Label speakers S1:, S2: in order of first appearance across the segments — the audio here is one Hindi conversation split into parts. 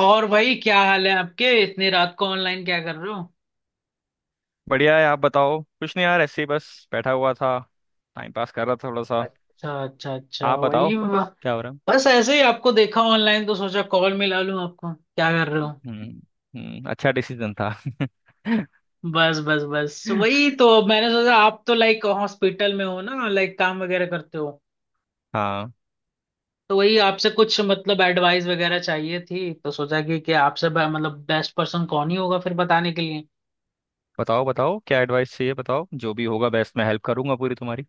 S1: और भाई, क्या हाल है आपके? इतनी रात को ऑनलाइन क्या कर रहे हो?
S2: बढ़िया है। आप बताओ, कुछ नहीं यार, ऐसे ही बस बैठा हुआ था। टाइम पास कर रहा था थोड़ा सा।
S1: अच्छा, अच्छा, अच्छा।
S2: आप बताओ,
S1: वही
S2: क्या हो रहा है।
S1: बस ऐसे ही आपको देखा ऑनलाइन तो सोचा कॉल मिला लूं, आपको क्या कर रहे हो।
S2: हम्म, हम्म, अच्छा डिसीजन था।
S1: बस, बस, बस। वही तो मैंने सोचा, आप तो लाइक हॉस्पिटल में हो ना, लाइक काम वगैरह करते हो।
S2: हाँ,
S1: तो वही आपसे कुछ मतलब एडवाइस वगैरह चाहिए थी, तो सोचा कि आपसे मतलब बेस्ट पर्सन कौन ही होगा फिर बताने के लिए।
S2: बताओ बताओ क्या एडवाइस चाहिए बताओ, जो भी होगा बेस्ट, मैं हेल्प करूंगा पूरी तुम्हारी।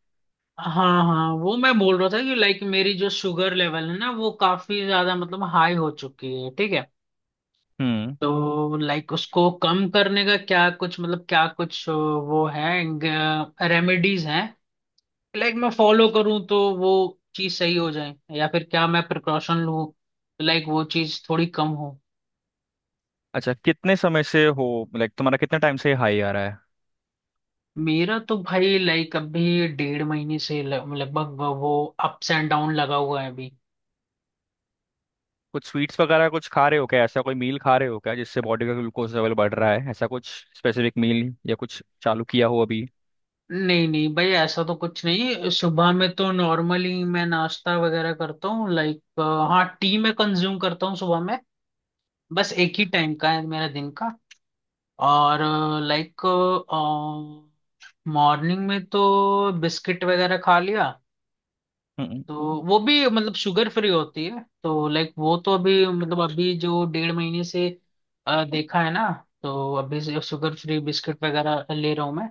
S1: हाँ, हाँ, वो मैं बोल रहा था कि लाइक मेरी जो शुगर लेवल है ना, वो काफी ज्यादा मतलब हाई हो चुकी है, ठीक है।
S2: हम्म,
S1: तो लाइक उसको कम करने का क्या कुछ मतलब, क्या कुछ वो है रेमेडीज हैं लाइक मैं फॉलो करूं, तो वो चीज सही हो जाए, या फिर क्या मैं प्रिकॉशन लूं, तो लाइक वो चीज थोड़ी कम हो।
S2: अच्छा कितने समय से हो? लाइक तुम्हारा कितने टाइम से हाई आ रहा है?
S1: मेरा तो भाई लाइक अभी डेढ़ महीने से लगभग वो अप्स एंड डाउन लगा हुआ है अभी।
S2: कुछ स्वीट्स वगैरह कुछ खा रहे हो क्या? ऐसा कोई मील खा रहे हो क्या जिससे बॉडी का ग्लूकोज लेवल बढ़ रहा है? ऐसा कुछ स्पेसिफिक मील या कुछ चालू किया हो अभी?
S1: नहीं, नहीं भाई, ऐसा तो कुछ नहीं। सुबह में तो नॉर्मली मैं नाश्ता वगैरह करता हूँ, लाइक हाँ टी मैं कंज्यूम करता हूँ सुबह में। बस एक ही टाइम का है मेरा, दिन का। और लाइक मॉर्निंग में तो बिस्किट वगैरह खा लिया
S2: हम्म।
S1: तो वो भी मतलब शुगर फ्री होती है, तो लाइक वो तो अभी मतलब अभी जो डेढ़ महीने से देखा है ना, तो अभी से शुगर फ्री बिस्किट वगैरह ले रहा हूँ मैं।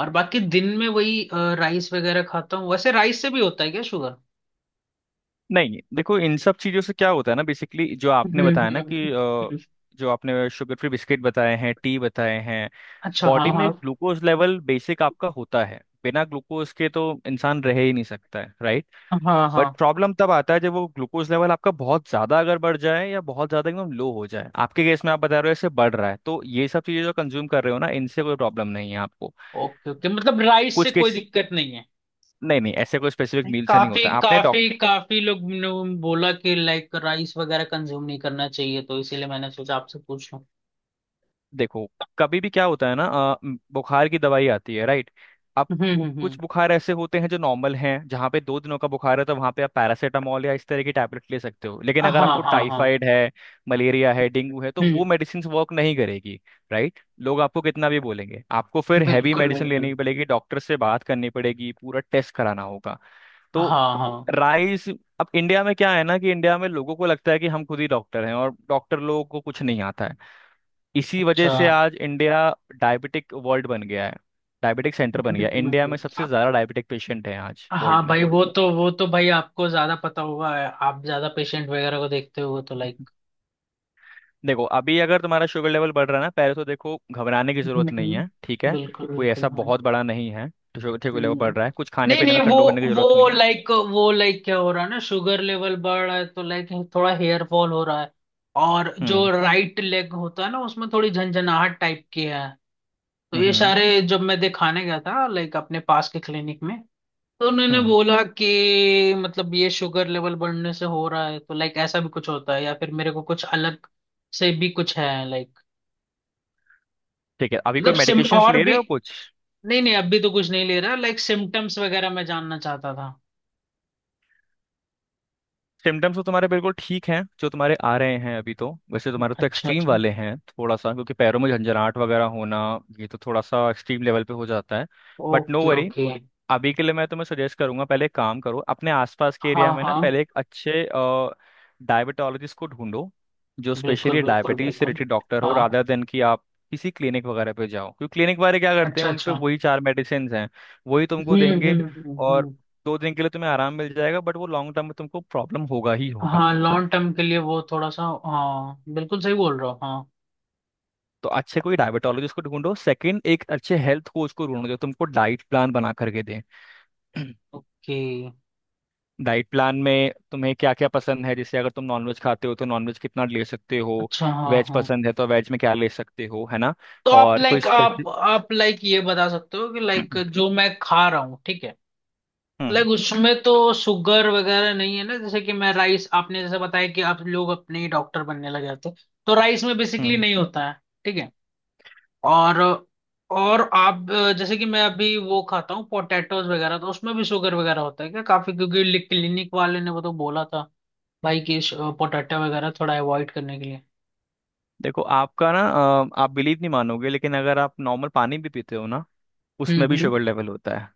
S1: और बाकी दिन में वही राइस वगैरह खाता हूँ। वैसे राइस से भी होता है क्या शुगर?
S2: नहीं, देखो इन सब चीज़ों से क्या होता है ना, बेसिकली जो
S1: हम्म,
S2: आपने बताया
S1: हम्म,
S2: ना कि
S1: हम्म।
S2: जो आपने शुगर फ्री बिस्किट बताए हैं, टी बताए हैं।
S1: अच्छा, हाँ,
S2: बॉडी
S1: हाँ।
S2: में ग्लूकोज लेवल बेसिक आपका होता है, बिना ग्लूकोज के तो इंसान रह ही नहीं सकता है, राइट।
S1: हाँ, हाँ।
S2: बट प्रॉब्लम तब आता है जब वो ग्लूकोज लेवल आपका बहुत ज़्यादा अगर बढ़ जाए या बहुत ज़्यादा एकदम लो हो जाए। आपके केस में आप बता रहे हो ऐसे बढ़ रहा है, तो ये सब चीज़ें जो कंज्यूम कर रहे हो ना, इनसे कोई प्रॉब्लम नहीं है आपको।
S1: ओके, ओके, मतलब राइस से
S2: कुछ
S1: कोई
S2: केस।
S1: दिक्कत नहीं?
S2: नहीं नहीं, ऐसे कोई स्पेसिफिक
S1: नहीं,
S2: मील से नहीं
S1: काफी,
S2: होता आपने।
S1: काफी, काफी लोग ने बोला कि लाइक राइस वगैरह कंज्यूम नहीं करना चाहिए, तो इसीलिए मैंने सोचा आपसे पूछ लूं।
S2: देखो, कभी भी क्या होता है ना, बुखार की दवाई आती है, राइट। अब
S1: हम्म, हम्म,
S2: कुछ
S1: हम्म।
S2: बुखार ऐसे होते हैं जो नॉर्मल हैं, जहाँ पे 2 दिनों का बुखार है तो वहाँ पे आप पैरासीटामोल या इस तरह की टैबलेट ले सकते हो। लेकिन
S1: हाँ,
S2: अगर आपको
S1: हाँ, हाँ।
S2: टाइफाइड है, मलेरिया है, डेंगू है, तो
S1: हम्म।
S2: वो मेडिसिन वर्क नहीं करेगी, राइट। लोग आपको कितना भी बोलेंगे, आपको फिर हैवी
S1: बिल्कुल,
S2: मेडिसिन
S1: बिल्कुल।
S2: लेनी पड़ेगी, डॉक्टर से बात करनी पड़ेगी, पूरा टेस्ट कराना होगा। तो
S1: हाँ, हाँ।
S2: राइस। अब इंडिया में क्या है ना कि इंडिया में लोगों को लगता है कि हम खुद ही डॉक्टर हैं और डॉक्टर लोगों को कुछ नहीं आता है। इसी वजह
S1: अच्छा।
S2: से आज इंडिया डायबिटिक वर्ल्ड बन गया है, डायबिटिक सेंटर बन गया है। इंडिया में सबसे
S1: आप-।
S2: ज्यादा डायबिटिक पेशेंट है आज वर्ल्ड
S1: हाँ
S2: में।
S1: भाई, वो तो भाई आपको ज्यादा पता होगा, आप ज्यादा पेशेंट वगैरह को देखते हो तो
S2: हम्म,
S1: लाइक।
S2: देखो अभी अगर तुम्हारा शुगर लेवल बढ़ रहा है ना, पहले तो देखो घबराने की जरूरत नहीं
S1: हम्म।
S2: है, ठीक है।
S1: बिल्कुल,
S2: कोई
S1: बिल्कुल।
S2: ऐसा
S1: हाँ।
S2: बहुत बड़ा नहीं है तो शुगर शुगर लेवल
S1: हम्म।
S2: बढ़ रहा है, कुछ खाने
S1: नहीं,
S2: पीने
S1: नहीं,
S2: में
S1: वो
S2: कंट्रोल करने की जरूरत
S1: वो
S2: नहीं है।
S1: लाइक क्या हो रहा है ना, शुगर लेवल बढ़ रहा है तो लाइक थोड़ा हेयर फॉल हो रहा है, और जो
S2: हम्म,
S1: राइट लेग होता है ना, उसमें थोड़ी झंझनाहट टाइप की है। तो ये
S2: हम्म,
S1: सारे जब मैं दिखाने गया था लाइक अपने पास के क्लिनिक में, तो उन्होंने
S2: हम्म।
S1: बोला कि मतलब ये शुगर लेवल बढ़ने से हो रहा है, तो लाइक ऐसा भी कुछ होता है, या फिर मेरे को कुछ अलग से भी कुछ है लाइक?
S2: ठीक है, अभी कोई
S1: मतलब सिम,
S2: मेडिकेशंस
S1: और
S2: ले
S1: भी?
S2: रहे हो कुछ?
S1: नहीं, नहीं, अब भी तो कुछ नहीं ले रहा, लाइक सिम्टम्स वगैरह मैं जानना चाहता था।
S2: सिम्टम्स तो तुम्हारे बिल्कुल ठीक हैं जो तुम्हारे आ रहे हैं अभी, तो वैसे तुम्हारे तो
S1: अच्छा,
S2: एक्सट्रीम
S1: अच्छा।
S2: वाले हैं थोड़ा सा, क्योंकि पैरों में झंझनाहट वगैरह होना, ये तो थोड़ा सा एक्सट्रीम लेवल पे हो जाता है। But no
S1: okay,
S2: worry.
S1: Okay.
S2: अभी के लिए मैं तुम्हें सजेस्ट करूंगा, पहले एक काम करो, अपने आसपास के
S1: हाँ,
S2: एरिया में ना
S1: हाँ,
S2: पहले एक अच्छे डायबिटोलॉजिस्ट को ढूंढो जो
S1: बिल्कुल,
S2: स्पेशली
S1: बिल्कुल,
S2: डायबिटीज से
S1: बिल्कुल।
S2: रिलेटेड डॉक्टर हो,
S1: हाँ।
S2: रादर देन कि आप किसी क्लिनिक वगैरह पे जाओ। क्योंकि क्लिनिक वाले क्या करते हैं,
S1: अच्छा,
S2: उन पे
S1: अच्छा।
S2: वही 4 मेडिसिन हैं, वही तुमको
S1: हम्म,
S2: देंगे।
S1: हम्म, हम्म,
S2: और 2 दिन के लिए तुम्हें आराम मिल जाएगा, बट वो लॉन्ग टर्म में तुमको प्रॉब्लम होगा ही होगा।
S1: हाँ, लॉन्ग टर्म के लिए वो थोड़ा सा, हाँ बिल्कुल सही बोल रहे हो, हाँ।
S2: तो अच्छे कोई डायबिटोलॉजिस्ट को ढूंढो, सेकंड एक अच्छे हेल्थ कोच को ढूंढो जो तुमको डाइट प्लान बना करके दे।
S1: ओके।
S2: डाइट प्लान में तुम्हें क्या क्या पसंद है, जैसे अगर तुम नॉनवेज खाते हो तो नॉनवेज कितना ले सकते हो,
S1: अच्छा, हाँ,
S2: वेज
S1: हाँ।
S2: पसंद है तो वेज में क्या ले सकते हो, है ना।
S1: तो आप
S2: और कोई
S1: लाइक आप
S2: स्पेसिफिक?
S1: आप लाइक ये बता सकते हो कि लाइक जो मैं खा रहा हूँ, ठीक है,
S2: हम्म,
S1: लाइक उसमें तो शुगर वगैरह नहीं है ना, जैसे कि मैं राइस। आपने जैसे बताया कि आप लोग अपने ही डॉक्टर बनने लगे थे, तो राइस में बेसिकली
S2: हम्म।
S1: नहीं होता है, ठीक है। और और आप जैसे कि मैं अभी वो खाता हूँ पोटैटोज वगैरह, तो उसमें भी शुगर वगैरह होता है क्या काफी, क्योंकि क्लिनिक वाले ने वो तो बोला था भाई कि पोटैटो वगैरह थोड़ा अवॉइड करने के लिए।
S2: देखो आपका ना, आप बिलीव नहीं मानोगे, लेकिन अगर आप नॉर्मल पानी भी पीते हो ना उसमें
S1: हम्म,
S2: भी
S1: हम्म।
S2: शुगर लेवल होता है।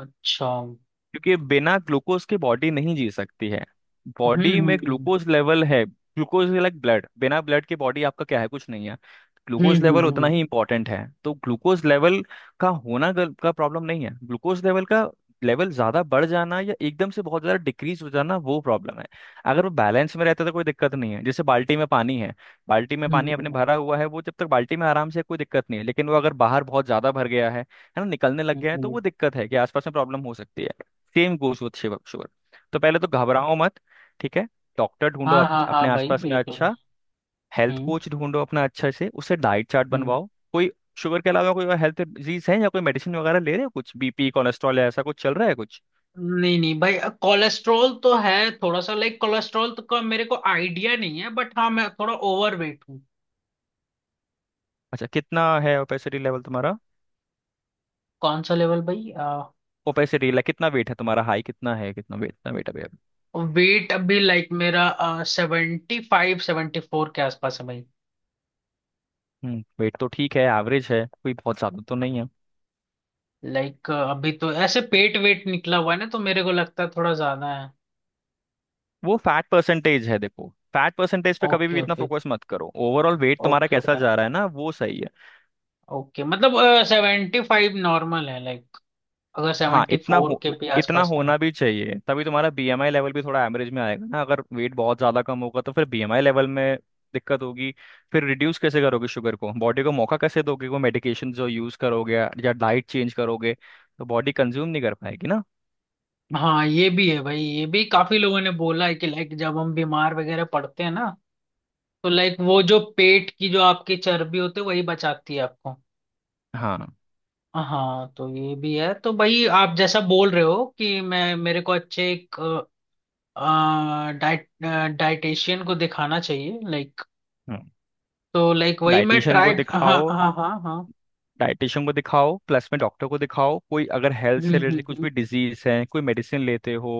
S1: अच्छा, हम्म,
S2: क्योंकि बिना ग्लूकोज के बॉडी नहीं जी सकती है। बॉडी में
S1: हम्म,
S2: ग्लूकोज लेवल है, ग्लूकोज लाइक ब्लड, बिना ब्लड के बॉडी आपका क्या है, कुछ नहीं है।
S1: हम्म,
S2: ग्लूकोज
S1: हम्म,
S2: लेवल
S1: हम्म,
S2: उतना ही इंपॉर्टेंट है, तो ग्लूकोज लेवल का होना का प्रॉब्लम नहीं है, ग्लूकोज लेवल का लेवल ज्यादा बढ़ जाना या एकदम से बहुत ज्यादा डिक्रीज हो जाना, वो प्रॉब्लम है। अगर वो बैलेंस में रहता है तो कोई दिक्कत नहीं है। जैसे बाल्टी में पानी है, बाल्टी में
S1: हम्म, हम्म।
S2: पानी
S1: हम्म,
S2: आपने
S1: हम्म,
S2: भरा हुआ है, वो जब तक बाल्टी में आराम से है, कोई दिक्कत नहीं है, लेकिन वो अगर बाहर बहुत ज्यादा भर गया है ना, निकलने लग
S1: हम्म,
S2: गया है,
S1: हम्म,
S2: तो
S1: हम्म।
S2: वो दिक्कत है कि आसपास में प्रॉब्लम हो सकती है। सेम गोज विथ शिवर शुगर। तो पहले तो घबराओ मत, ठीक है। डॉक्टर ढूंढो
S1: हाँ, हाँ,
S2: अपने
S1: हाँ भाई
S2: आसपास में
S1: बिल्कुल।
S2: अच्छा हेल्थ
S1: हम्म,
S2: कोच ढूंढो अपना, अच्छे से उससे डाइट चार्ट
S1: हम्म।
S2: बनवाओ। कोई शुगर के अलावा कोई और हेल्थ डिजीज है या कोई मेडिसिन वगैरह ले रहे हो कुछ? बीपी, कोलेस्ट्रॉल या ऐसा कुछ चल रहा है कुछ?
S1: नहीं, नहीं भाई, कोलेस्ट्रॉल तो है थोड़ा सा लाइक। कोलेस्ट्रॉल तो का मेरे को आइडिया नहीं है, बट हाँ मैं थोड़ा ओवर वेट हूँ।
S2: अच्छा, कितना है ओपेसिटी लेवल तुम्हारा?
S1: कौन सा लेवल भाई?
S2: ओपेसिटी लेवल, कितना वेट है तुम्हारा? हाई कितना है, कितना वेट, कितना वेट है भैया?
S1: वेट अभी लाइक मेरा 75, 74 के आसपास है भाई।
S2: हम्म, वेट तो ठीक है, एवरेज है, कोई बहुत ज्यादा तो नहीं है।
S1: लाइक अभी तो ऐसे पेट वेट निकला हुआ है ना, तो मेरे को लगता है थोड़ा ज्यादा है।
S2: वो फैट परसेंटेज है, देखो फैट परसेंटेज पे कभी
S1: ओके,
S2: भी इतना
S1: ओके।
S2: फोकस मत करो, ओवरऑल वेट तुम्हारा
S1: ओके,
S2: कैसा
S1: ओके,
S2: जा रहा है ना, वो सही है।
S1: ओके, मतलब 75 नॉर्मल है लाइक, अगर
S2: हाँ,
S1: सेवेंटी
S2: इतना
S1: फोर
S2: हो,
S1: के भी
S2: इतना
S1: आसपास है?
S2: होना भी चाहिए, तभी तुम्हारा बीएमआई लेवल भी थोड़ा एवरेज में आएगा ना, अगर वेट बहुत ज़्यादा कम होगा तो फिर बीएमआई लेवल में दिक्कत होगी। फिर रिड्यूस कैसे करोगे शुगर को, बॉडी को मौका कैसे दोगे, वो मेडिकेशन जो यूज़ करोगे या डाइट चेंज करोगे, तो बॉडी कंज्यूम नहीं कर पाएगी ना।
S1: हाँ, ये भी है भाई, ये भी काफी लोगों ने बोला है कि लाइक जब हम बीमार वगैरह पड़ते हैं ना, तो लाइक वो जो पेट की जो आपकी चर्बी होती है वही बचाती है आपको।
S2: हाँ,
S1: हाँ, तो ये भी है। तो भाई आप जैसा बोल रहे हो कि मैं मेरे को अच्छे एक डाइट डाइटेशियन को दिखाना चाहिए लाइक, तो लाइक वही मैं
S2: डाइटिशियन
S1: ट्राई।
S2: को
S1: हाँ,
S2: दिखाओ,
S1: हाँ, हाँ, हाँ।
S2: डाइटिशियन को दिखाओ प्लस में डॉक्टर को दिखाओ। कोई अगर हेल्थ
S1: हम्म,
S2: से रिलेटेड
S1: हम्म,
S2: कुछ
S1: हम्म,
S2: भी डिजीज है, कोई मेडिसिन लेते हो,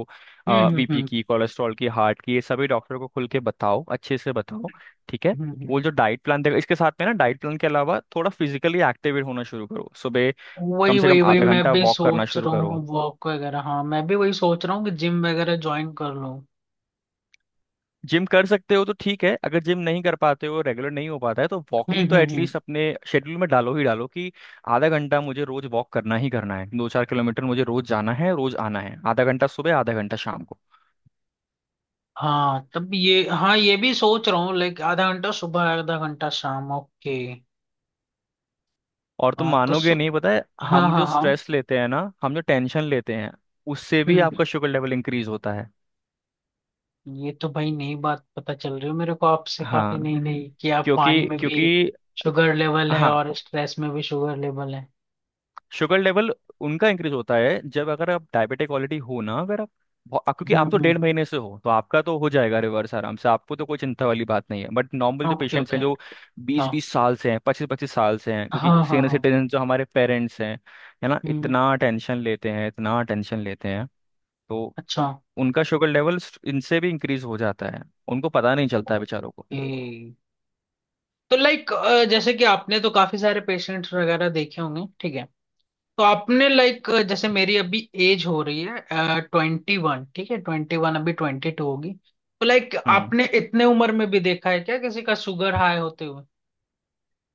S1: हम्म,
S2: बीपी
S1: हम्म,
S2: की, कोलेस्ट्रॉल की, हार्ट की, ये सभी डॉक्टर को खुल के बताओ, अच्छे से बताओ, ठीक है।
S1: हम्म।
S2: वो जो डाइट प्लान देगा, इसके साथ में ना डाइट प्लान के अलावा थोड़ा फिजिकली एक्टिवेट होना शुरू करो। सुबह कम
S1: वही,
S2: से
S1: वही,
S2: कम
S1: वही
S2: आधा
S1: मैं
S2: घंटा
S1: भी
S2: वॉक करना
S1: सोच
S2: शुरू
S1: रहा
S2: करो।
S1: हूँ, वॉक वगैरह, हाँ मैं भी वही सोच रहा हूँ कि जिम वगैरह ज्वाइन कर लूँ।
S2: जिम कर सकते हो तो ठीक है, अगर जिम नहीं कर पाते हो, रेगुलर नहीं हो पाता है, तो वॉकिंग
S1: हम्म,
S2: तो
S1: हम्म, हम्म।
S2: एटलीस्ट अपने शेड्यूल में डालो ही डालो कि आधा घंटा मुझे रोज वॉक करना ही करना है, दो चार किलोमीटर मुझे रोज जाना है रोज आना है, आधा घंटा सुबह आधा घंटा शाम को।
S1: हाँ, तब ये, हाँ ये भी सोच रहा हूँ लाइक आधा घंटा सुबह, आधा घंटा शाम, ओके।
S2: और तुम
S1: हाँ तो सु...।
S2: मानोगे नहीं, पता है,
S1: हाँ,
S2: हम
S1: हाँ,
S2: जो
S1: हाँ।
S2: स्ट्रेस लेते हैं ना, हम जो टेंशन लेते हैं, उससे
S1: हम्म,
S2: भी आपका शुगर लेवल इंक्रीज होता है।
S1: ये तो भाई नई बात पता चल रही हो मेरे को आपसे, काफी
S2: हाँ,
S1: नई नई, कि आप
S2: क्योंकि
S1: पानी में भी
S2: क्योंकि
S1: शुगर लेवल है,
S2: हाँ
S1: और स्ट्रेस में भी शुगर लेवल है।
S2: शुगर लेवल उनका इंक्रीज होता है जब, अगर आप डायबिटिक ऑलरेडी हो ना, अगर आप क्योंकि
S1: हम्म,
S2: आप तो
S1: हम्म।
S2: 1.5 महीने से हो तो आपका तो हो जाएगा रिवर्स आराम से, आपको तो कोई चिंता वाली बात नहीं है। बट नॉर्मल जो
S1: ओके,
S2: पेशेंट्स
S1: ओके।
S2: हैं जो बीस
S1: हाँ,
S2: बीस साल से हैं, पच्चीस पच्चीस साल से हैं, क्योंकि
S1: हाँ, हाँ,
S2: सीनियर
S1: हाँ।
S2: सिटीजन जो हमारे पेरेंट्स हैं, है ना,
S1: हम्म।
S2: इतना टेंशन लेते हैं, इतना टेंशन लेते हैं, तो
S1: अच्छा।
S2: उनका शुगर लेवल इनसे भी इंक्रीज हो जाता है, उनको पता नहीं चलता है बेचारों को।
S1: ओके। तो लाइक जैसे कि आपने तो काफी सारे पेशेंट्स वगैरह देखे होंगे ठीक है, तो आपने लाइक जैसे मेरी अभी एज हो रही है 21, ठीक है 21, अभी 22 होगी, तो लाइक
S2: हम्म
S1: आपने इतने उम्र में भी देखा है क्या किसी का शुगर हाई होते हुए,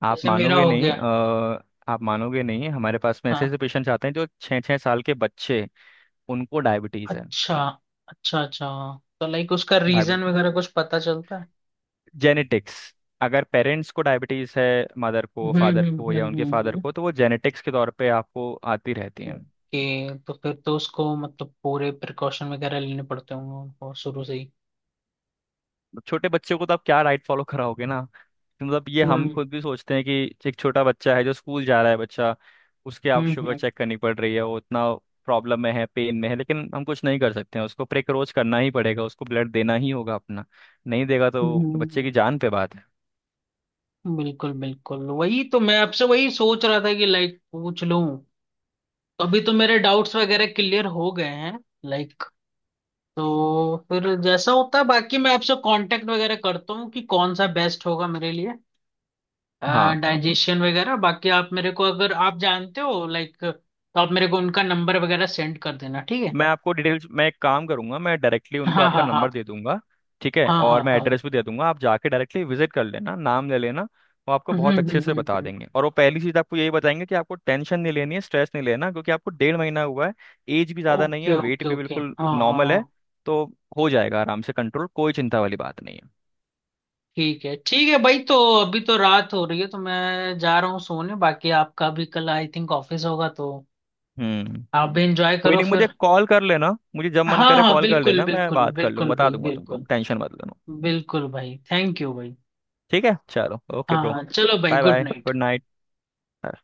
S2: आप
S1: जैसे मेरा
S2: मानोगे
S1: हो
S2: नहीं
S1: गया?
S2: अ, आप मानोगे नहीं, हमारे पास में ऐसे
S1: हाँ।
S2: ऐसे पेशेंट्स आते हैं जो छः छः साल के बच्चे, उनको डायबिटीज है।
S1: अच्छा, अच्छा, अच्छा। तो लाइक उसका रीजन वगैरह कुछ पता चलता है?
S2: जेनेटिक्स। अगर पेरेंट्स को डायबिटीज है, मदर को,
S1: हम्म,
S2: फादर
S1: हम्म,
S2: को, या
S1: हम्म,
S2: उनके फादर
S1: हम्म।
S2: को, तो वो जेनेटिक्स के तौर पे आपको आती रहती है।
S1: ओके, तो फिर तो उसको मतलब पूरे प्रिकॉशन वगैरह लेने पड़ते होंगे उनको शुरू से ही।
S2: छोटे बच्चों को तो आप क्या डाइट फॉलो कराओगे ना, तो मतलब ये हम
S1: हम्म,
S2: खुद भी सोचते हैं कि एक छोटा बच्चा है जो स्कूल जा रहा है, बच्चा उसके आप
S1: हम्म,
S2: शुगर
S1: हम्म,
S2: चेक करनी पड़ रही है, वो उतना प्रॉब्लम में है, पेन में है, लेकिन हम कुछ नहीं कर सकते हैं, उसको प्रेक्रोच करना ही पड़ेगा, उसको ब्लड देना ही होगा अपना। नहीं देगा तो बच्चे
S1: हम्म,
S2: की जान पे बात है।
S1: बिल्कुल, बिल्कुल। वही तो मैं आपसे वही सोच रहा था कि लाइक पूछ लूं, तो अभी तो मेरे डाउट्स वगैरह क्लियर हो गए हैं लाइक। तो फिर जैसा होता है बाकी मैं आपसे कांटेक्ट वगैरह करता हूँ कि कौन सा बेस्ट होगा मेरे लिए,
S2: हाँ,
S1: डाइजेशन वगैरह। बाकी आप मेरे को, अगर आप जानते हो लाइक, तो आप मेरे को उनका नंबर वगैरह सेंड कर देना, ठीक है?
S2: मैं आपको डिटेल्स मैं एक काम करूंगा, मैं डायरेक्टली उनको
S1: हाँ,
S2: आपका
S1: हाँ, हाँ।
S2: नंबर दे दूंगा, ठीक है।
S1: हाँ, हाँ,
S2: और मैं
S1: हाँ।
S2: एड्रेस भी दे दूंगा, आप जाके डायरेक्टली विजिट कर लेना, नाम ले लेना। वो आपको
S1: हम्म,
S2: बहुत
S1: हम्म,
S2: अच्छे से
S1: हम्म,
S2: बता देंगे, और वो पहली चीज़ आपको यही बताएंगे कि आपको टेंशन नहीं लेनी है, स्ट्रेस नहीं लेना, क्योंकि आपको 1.5 महीना हुआ है, एज भी ज़्यादा नहीं
S1: ओके,
S2: है,
S1: ओके,
S2: वेट भी
S1: ओके,
S2: बिल्कुल
S1: हाँ,
S2: नॉर्मल है,
S1: हाँ।
S2: तो हो जाएगा आराम से कंट्रोल, कोई चिंता वाली बात नहीं है।
S1: ठीक है, ठीक है भाई, तो अभी तो रात हो रही है, तो मैं जा रहा हूँ सोने। बाकी आपका भी कल आई थिंक ऑफिस होगा, तो
S2: हम्म।
S1: आप भी एंजॉय
S2: कोई
S1: करो
S2: नहीं, मुझे
S1: फिर।
S2: कॉल कर लेना, मुझे जब मन
S1: हाँ,
S2: करे
S1: हाँ,
S2: कॉल कर
S1: बिल्कुल,
S2: लेना, मैं
S1: बिल्कुल,
S2: बात कर
S1: बिल्कुल
S2: लूंगा, बता
S1: भाई,
S2: दूंगा तुमको,
S1: बिल्कुल।
S2: टेंशन मत लेना।
S1: बिल्कुल भाई, थैंक यू भाई।
S2: ठीक है, चलो, ओके
S1: हाँ,
S2: ब्रो।
S1: हाँ, चलो भाई,
S2: bye
S1: good
S2: bye,
S1: night.
S2: Good night.